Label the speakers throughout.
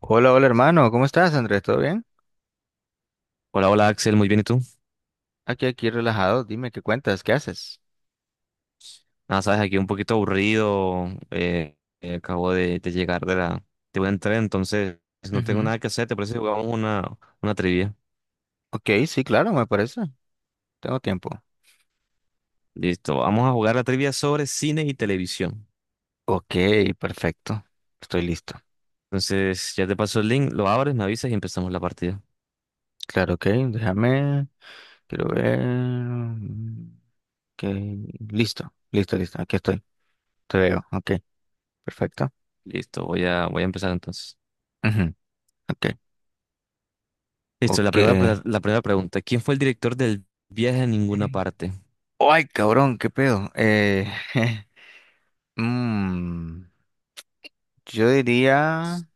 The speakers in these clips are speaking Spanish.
Speaker 1: Hola, hola hermano, ¿cómo estás, Andrés? ¿Todo bien?
Speaker 2: Hola, hola Axel, muy bien, ¿y tú?
Speaker 1: Aquí relajado, dime qué cuentas, qué haces.
Speaker 2: Ah, sabes, aquí un poquito aburrido, eh, acabo de llegar de de un entreno, entonces no tengo
Speaker 1: Ujú.
Speaker 2: nada que hacer, ¿te parece que jugamos una trivia?
Speaker 1: Ok, sí, claro, me parece. Tengo tiempo.
Speaker 2: Listo, vamos a jugar la trivia sobre cine y televisión.
Speaker 1: Ok, perfecto. Estoy listo.
Speaker 2: Entonces, ya te paso el link, lo abres, me avisas y empezamos la partida.
Speaker 1: Claro, ok, déjame. Quiero ver. Ok, listo, listo, listo. Aquí estoy. Te veo. Ok, perfecto.
Speaker 2: Listo, voy a empezar entonces.
Speaker 1: Ujú, Ok,
Speaker 2: Listo,
Speaker 1: ok.
Speaker 2: la primera pregunta, ¿quién fue el director del Viaje a Ninguna Parte?
Speaker 1: Ay, cabrón, qué pedo. Mm, yo diría.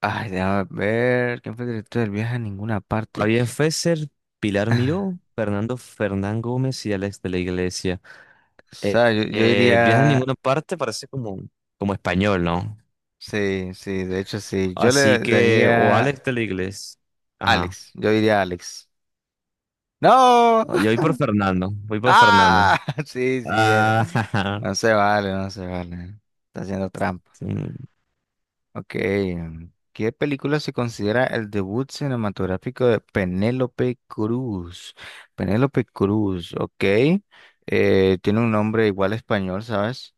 Speaker 1: Ay, déjame ver. ¿Quién fue el director del viaje a ninguna parte?
Speaker 2: Fabián Fesser, Pilar Miró, Fernando Fernán Gómez y Alex de la Iglesia.
Speaker 1: O
Speaker 2: Eh,
Speaker 1: sea, yo
Speaker 2: viaja en
Speaker 1: diría.
Speaker 2: ninguna parte, parece como español, ¿no?
Speaker 1: Sí, sí, de hecho sí. Yo le
Speaker 2: Así que, o
Speaker 1: daría
Speaker 2: Alex de la Iglesia. Ajá.
Speaker 1: Alex. Yo diría Alex. ¡No!
Speaker 2: No, yo voy por Fernando, voy por Fernando.
Speaker 1: ¡Ah! Sí, sí, era.
Speaker 2: Ah,
Speaker 1: No se vale, no se vale. Está haciendo trampa.
Speaker 2: sí.
Speaker 1: Ok. ¿Qué película se considera el debut cinematográfico de Penélope Cruz? Penélope Cruz, ok. Tiene un nombre igual español, ¿sabes?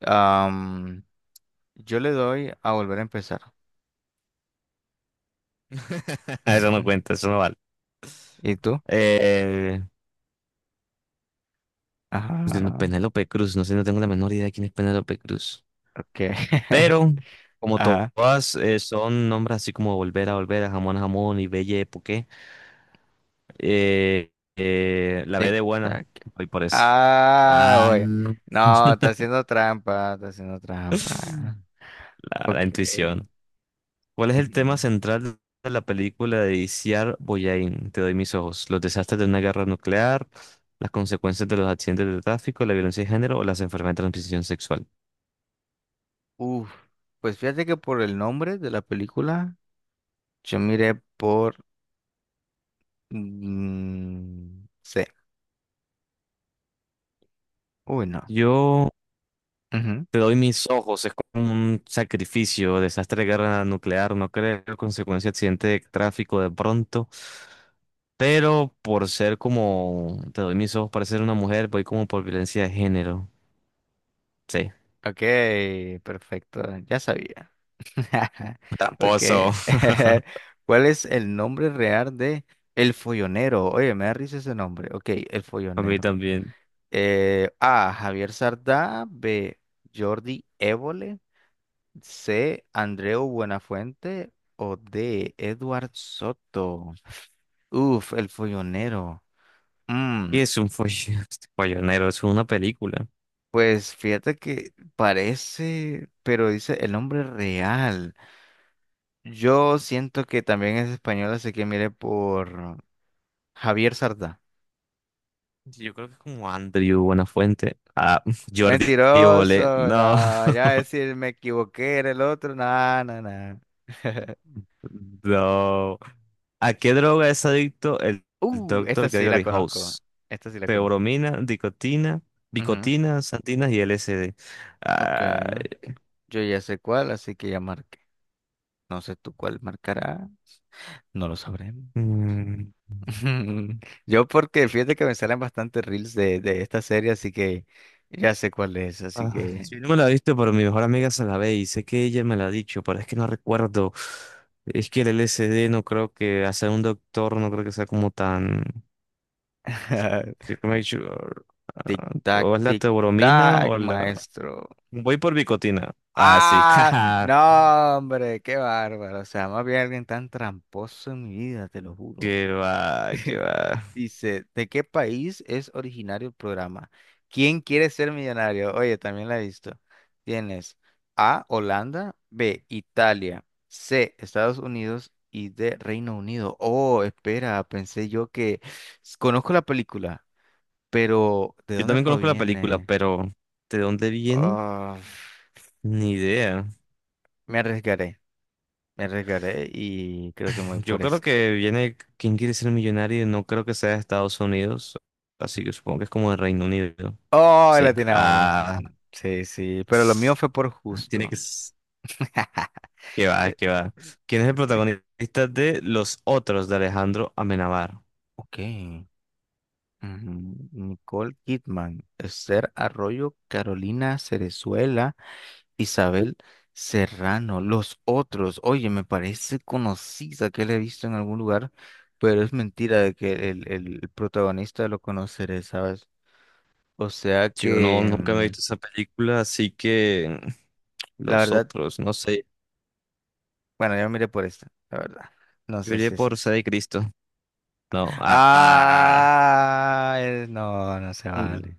Speaker 1: Am, yo le doy a volver a empezar.
Speaker 2: Eso no cuenta, eso no vale.
Speaker 1: ¿Y tú?
Speaker 2: Eh, pues, de
Speaker 1: Ajá,
Speaker 2: Penélope Cruz, no sé, no tengo la menor idea de quién es Penélope Cruz.
Speaker 1: ok.
Speaker 2: Pero, como
Speaker 1: Ajá,
Speaker 2: todas son nombres así como Volver a Volver, a Jamón y Belle Époque, eh, la B
Speaker 1: tic,
Speaker 2: de buena,
Speaker 1: tac.
Speaker 2: voy por eso.
Speaker 1: Ah,
Speaker 2: Ah.
Speaker 1: oye. No, está haciendo trampa, está haciendo trampa.
Speaker 2: La
Speaker 1: Ok.
Speaker 2: intuición. ¿Cuál es el
Speaker 1: Ujú.
Speaker 2: tema central de la película de Iciar Boyain? Te doy mis ojos. Los desastres de una guerra nuclear, las consecuencias de los accidentes de tráfico, la violencia de género o las enfermedades de transmisión sexual.
Speaker 1: Uf, pues fíjate que por el nombre de la película, yo miré por C. Uy, no.
Speaker 2: Yo
Speaker 1: Ujú.
Speaker 2: te doy mis ojos. Es como un sacrificio, desastre de guerra nuclear, no creo, consecuencia de accidente de tráfico de pronto. Pero por ser como, te doy mis ojos para ser una mujer, voy como por violencia de género. Sí.
Speaker 1: Ok, perfecto, ya sabía.
Speaker 2: Tramposo.
Speaker 1: Porque, ¿cuál es el nombre real de El Follonero? Oye, me da risa ese nombre. Ok, El
Speaker 2: A mí
Speaker 1: Follonero.
Speaker 2: también.
Speaker 1: A. Javier Sardá. B. Jordi Évole. C. Andreu Buenafuente. O D. Edward Soto. Uf, El Follonero. Mm,
Speaker 2: ¿Qué es un follonero? Es una película.
Speaker 1: pues fíjate que parece, pero dice el nombre real. Yo siento que también es español, así que mire por... Javier Sardá.
Speaker 2: Yo creo que es como Andrew Buenafuente. Ah, Jordi Évole.
Speaker 1: Mentiroso,
Speaker 2: No,
Speaker 1: no, ya decir me equivoqué, era el otro, no, no, no.
Speaker 2: no. ¿A qué droga es adicto el
Speaker 1: Esta
Speaker 2: doctor
Speaker 1: sí la
Speaker 2: Gregory
Speaker 1: conozco,
Speaker 2: House?
Speaker 1: esta sí la conozco.
Speaker 2: Teobromina, dicotina,
Speaker 1: Ujú,
Speaker 2: bicotina, santinas y LSD.
Speaker 1: Ok,
Speaker 2: Ay,
Speaker 1: yo ya sé cuál, así que ya marqué. No sé tú cuál marcará, no lo sabremos.
Speaker 2: mm,
Speaker 1: Yo porque fíjate que me salen bastante reels de esta serie, así que ya sé cuál es, así
Speaker 2: ah,
Speaker 1: que...
Speaker 2: yo no me la he visto, pero mi mejor amiga se la ve y sé que ella me la ha dicho, pero es que no recuerdo. Es que el LSD no creo que, hacer un doctor, no creo que sea como tan. Sí, make sure. Ah, o es la
Speaker 1: Tic
Speaker 2: teobromina
Speaker 1: tac,
Speaker 2: o la...
Speaker 1: maestro.
Speaker 2: Voy por bicotina. Ah, sí.
Speaker 1: Ah,
Speaker 2: Jaja.
Speaker 1: no, hombre, qué bárbaro. O sea, más bien alguien tan tramposo en mi vida, te lo juro.
Speaker 2: Qué va, qué va.
Speaker 1: Dice, ¿de qué país es originario el programa? ¿Quién quiere ser millonario? Oye, también la he visto. Tienes A, Holanda, B, Italia, C, Estados Unidos y D, Reino Unido. Oh, espera, pensé yo que conozco la película, pero ¿de
Speaker 2: Yo
Speaker 1: dónde
Speaker 2: también conozco la película,
Speaker 1: proviene?
Speaker 2: pero ¿de dónde viene?
Speaker 1: Ah,
Speaker 2: Ni idea.
Speaker 1: me arriesgaré. Me arriesgaré y creo que me voy
Speaker 2: Yo
Speaker 1: por
Speaker 2: creo
Speaker 1: esta.
Speaker 2: que viene ¿Quién quiere ser millonario? No creo que sea de Estados Unidos. Así que supongo que es como de Reino Unido.
Speaker 1: ¡Oh, la
Speaker 2: Sí.
Speaker 1: tenemos!
Speaker 2: Ah.
Speaker 1: Sí, sí, pero lo mío fue por
Speaker 2: Tiene
Speaker 1: justo.
Speaker 2: que... s- Qué va,
Speaker 1: Eh,
Speaker 2: que va. ¿Quién es el
Speaker 1: Ok.
Speaker 2: protagonista de Los Otros de Alejandro Amenábar?
Speaker 1: Ok. Ujú. Nicole Kidman, Esther Arroyo, Carolina Cerezuela, Isabel Serrano, los otros. Oye, me parece conocida que la he visto en algún lugar, pero es mentira de que el protagonista lo conoceré, ¿sabes? O sea
Speaker 2: Yo no,
Speaker 1: que
Speaker 2: nunca me he visto esa película, así que
Speaker 1: la
Speaker 2: los
Speaker 1: verdad
Speaker 2: otros, no sé.
Speaker 1: Bueno, yo miré por esta, la verdad. No
Speaker 2: Yo
Speaker 1: sé
Speaker 2: iría
Speaker 1: si es
Speaker 2: por
Speaker 1: esa.
Speaker 2: Sede de Cristo. No.
Speaker 1: Ah, no, no se
Speaker 2: Mm,
Speaker 1: vale.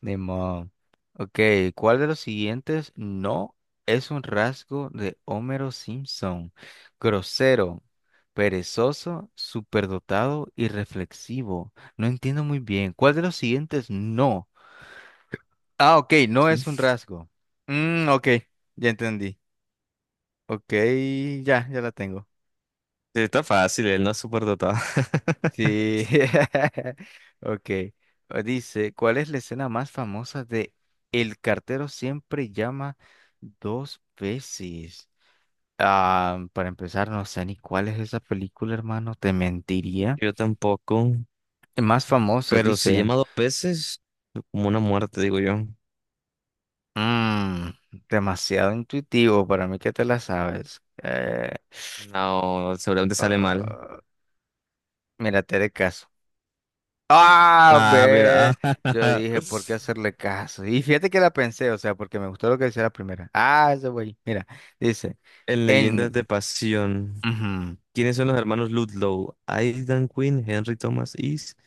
Speaker 1: Ni modo. Ok, ¿cuál de los siguientes no es un rasgo de Homero Simpson? Grosero, perezoso, superdotado y reflexivo. No entiendo muy bien. ¿Cuál de los siguientes no? Ah, ok, no es un rasgo. Mm, ok, ya entendí. Ok, ya la tengo.
Speaker 2: está fácil, él no es superdotado.
Speaker 1: Sí. Ok. Pues Dice, ¿cuál es la escena más famosa de El cartero siempre llama dos veces? Ah, para empezar, no sé ni cuál es esa película, hermano. Te mentiría.
Speaker 2: Yo tampoco.
Speaker 1: Más famosa,
Speaker 2: Pero si
Speaker 1: dice.
Speaker 2: llama dos veces, como una muerte, digo yo.
Speaker 1: Mm, demasiado intuitivo para mí que te la sabes.
Speaker 2: No, seguramente sale mal.
Speaker 1: Ah, mira, te haré caso. Ah,
Speaker 2: Ah, mira.
Speaker 1: ve. Yo dije, ¿por qué hacerle caso? Y fíjate que la pensé, o sea, porque me gustó lo que decía la primera. Ah, ese güey. Mira, dice,
Speaker 2: En Leyendas
Speaker 1: en...
Speaker 2: de Pasión.
Speaker 1: ujú,
Speaker 2: ¿Quiénes son los hermanos Ludlow? Aidan Quinn, Henry Thomas East.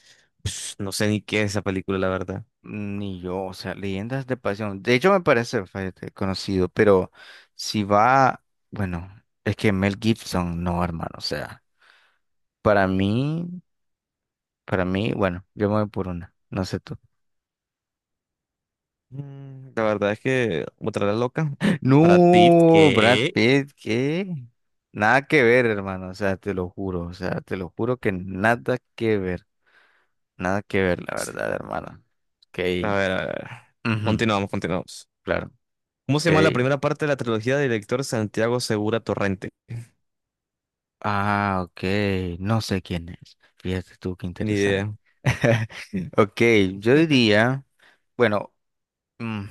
Speaker 2: Pss, no sé ni qué es esa película, la verdad.
Speaker 1: Ni yo, o sea, leyendas de pasión. De hecho, me parece, fíjate, conocido, pero si va, bueno, es que Mel Gibson, no, hermano, o sea, para mí, para mí, bueno, yo me voy por una, no sé tú.
Speaker 2: Mm, la verdad es que otra la loca. Brad Pitt,
Speaker 1: No, Brad
Speaker 2: que...
Speaker 1: Pitt, ¿qué? Nada que ver, hermano, o sea, te lo juro, o sea, te lo juro que nada que ver, nada que ver, la verdad, hermano. Ok,
Speaker 2: A ver, a ver.
Speaker 1: ujú,
Speaker 2: Continuamos, continuamos.
Speaker 1: claro,
Speaker 2: ¿Cómo se llama la
Speaker 1: ok.
Speaker 2: primera parte de la trilogía del director Santiago Segura Torrente?
Speaker 1: Ah, ok, no sé quién es. Fíjate tú, qué
Speaker 2: Ni
Speaker 1: interesante.
Speaker 2: idea.
Speaker 1: Ok, yo diría, bueno, mm,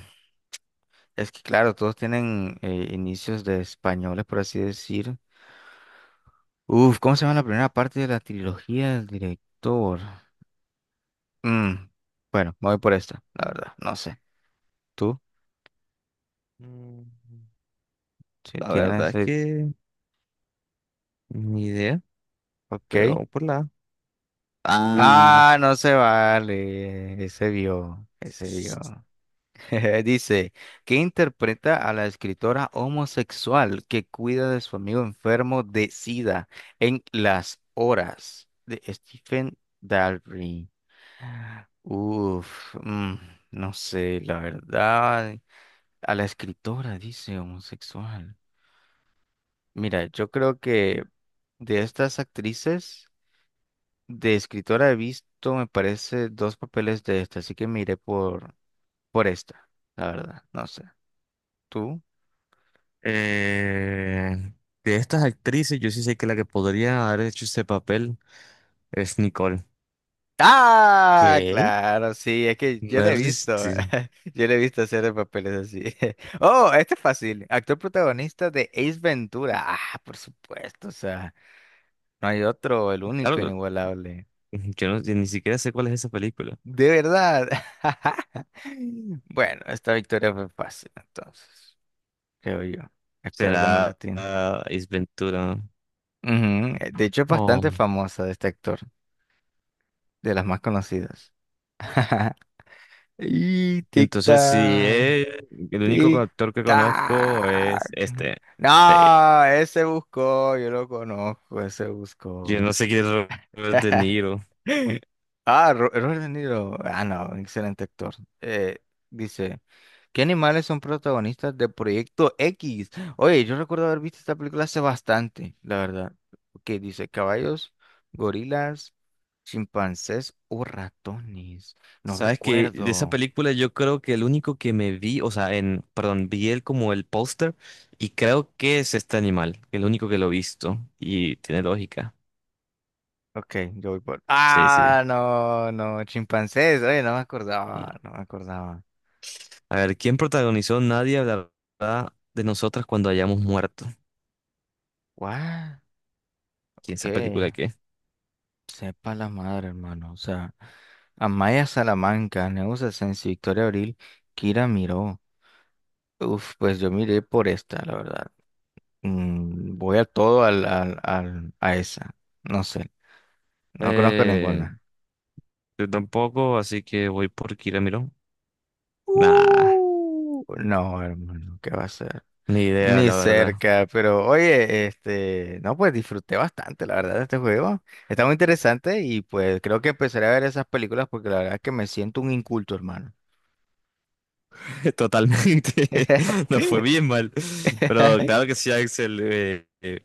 Speaker 1: es que claro, todos tienen inicios de españoles, por así decir. Uf, ¿cómo se llama la primera parte de la trilogía del director? Mm, bueno, me voy por esta, la verdad, no sé. ¿Tú?
Speaker 2: Mm,
Speaker 1: Si
Speaker 2: la verdad
Speaker 1: tienes...
Speaker 2: es que... Ni idea, pero
Speaker 1: Ok.
Speaker 2: vamos por la... A. Ah,
Speaker 1: Ah, no se vale. Ese vio, ese vio. Dice, que interpreta a la escritora homosexual que cuida de su amigo enfermo de SIDA en Las Horas de Stephen Dalry? Uf, no sé, la verdad. A la escritora, dice homosexual. Mira, yo creo que de estas actrices, de escritora he visto, me parece, dos papeles de esta, así que me iré por esta, la verdad, no sé. ¿Tú?
Speaker 2: eh, de estas actrices, yo sí sé que la que podría haber hecho ese papel es Nicole.
Speaker 1: Ah,
Speaker 2: ¿Qué?
Speaker 1: claro, sí, es que yo la he
Speaker 2: Meryl
Speaker 1: visto,
Speaker 2: Streep.
Speaker 1: yo la he visto hacer papeles así. Oh, este es fácil, actor protagonista de Ace Ventura. Ah, por supuesto, o sea, no hay otro, el único
Speaker 2: Claro,
Speaker 1: inigualable.
Speaker 2: yo ni siquiera sé cuál es esa película.
Speaker 1: De verdad. Bueno, esta victoria fue fácil, entonces. Creo yo. Espero que no la
Speaker 2: Será
Speaker 1: tiene.
Speaker 2: ah, Ace Ventura.
Speaker 1: Ujú, de hecho, es bastante
Speaker 2: Oh.
Speaker 1: famosa de este actor, de las más conocidas. Y
Speaker 2: Entonces, si
Speaker 1: tic-tac,
Speaker 2: es el único actor que conozco es
Speaker 1: tic-tac.
Speaker 2: este. Sí.
Speaker 1: No, ese buscó, yo lo conozco, ese
Speaker 2: Yo no
Speaker 1: buscó.
Speaker 2: sé quién es Robert De Niro.
Speaker 1: Ah, Robert De Niro. Ah, no, excelente actor. Eh, dice, ¿qué animales son protagonistas de Proyecto X? Oye, yo recuerdo haber visto esta película hace bastante, la verdad. Que dice caballos, gorilas, chimpancés o ratones. No
Speaker 2: Sabes que de esa
Speaker 1: recuerdo.
Speaker 2: película yo creo que el único que me vi, o sea, en, perdón, vi él como el póster y creo que es este animal, el único que lo he visto y tiene lógica.
Speaker 1: Ok, yo voy por...
Speaker 2: Sí, sí.
Speaker 1: Ah, no, no, chimpancés. Oye, no me acordaba, no me acordaba.
Speaker 2: A ver, ¿quién protagonizó Nadie hablará de nosotras cuando hayamos muerto?
Speaker 1: What?
Speaker 2: ¿Quién
Speaker 1: Ok.
Speaker 2: esa película qué?
Speaker 1: Sepa la madre, hermano. O sea, Amaya Salamanca, Neusa Asensio, Victoria Abril, Kira Miró. Uf, pues yo miré por esta, la verdad. Mm, voy a todo a esa. No sé, no conozco
Speaker 2: Eh,
Speaker 1: ninguna.
Speaker 2: Yo tampoco, así que voy por Kiramiro. Nah,
Speaker 1: No, hermano, ¿qué va a ser?
Speaker 2: ni idea,
Speaker 1: Ni
Speaker 2: la verdad.
Speaker 1: cerca, pero oye, este, no, pues disfruté bastante, la verdad, de este juego. Está muy interesante y pues creo que empezaré a ver esas películas porque la verdad es que me siento un inculto, hermano.
Speaker 2: Totalmente. No fue bien mal. Pero claro que sí, Axel.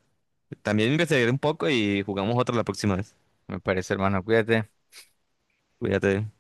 Speaker 2: También investigaré un poco y jugamos otra la próxima vez.
Speaker 1: Me parece, hermano, cuídate.
Speaker 2: Cuídate.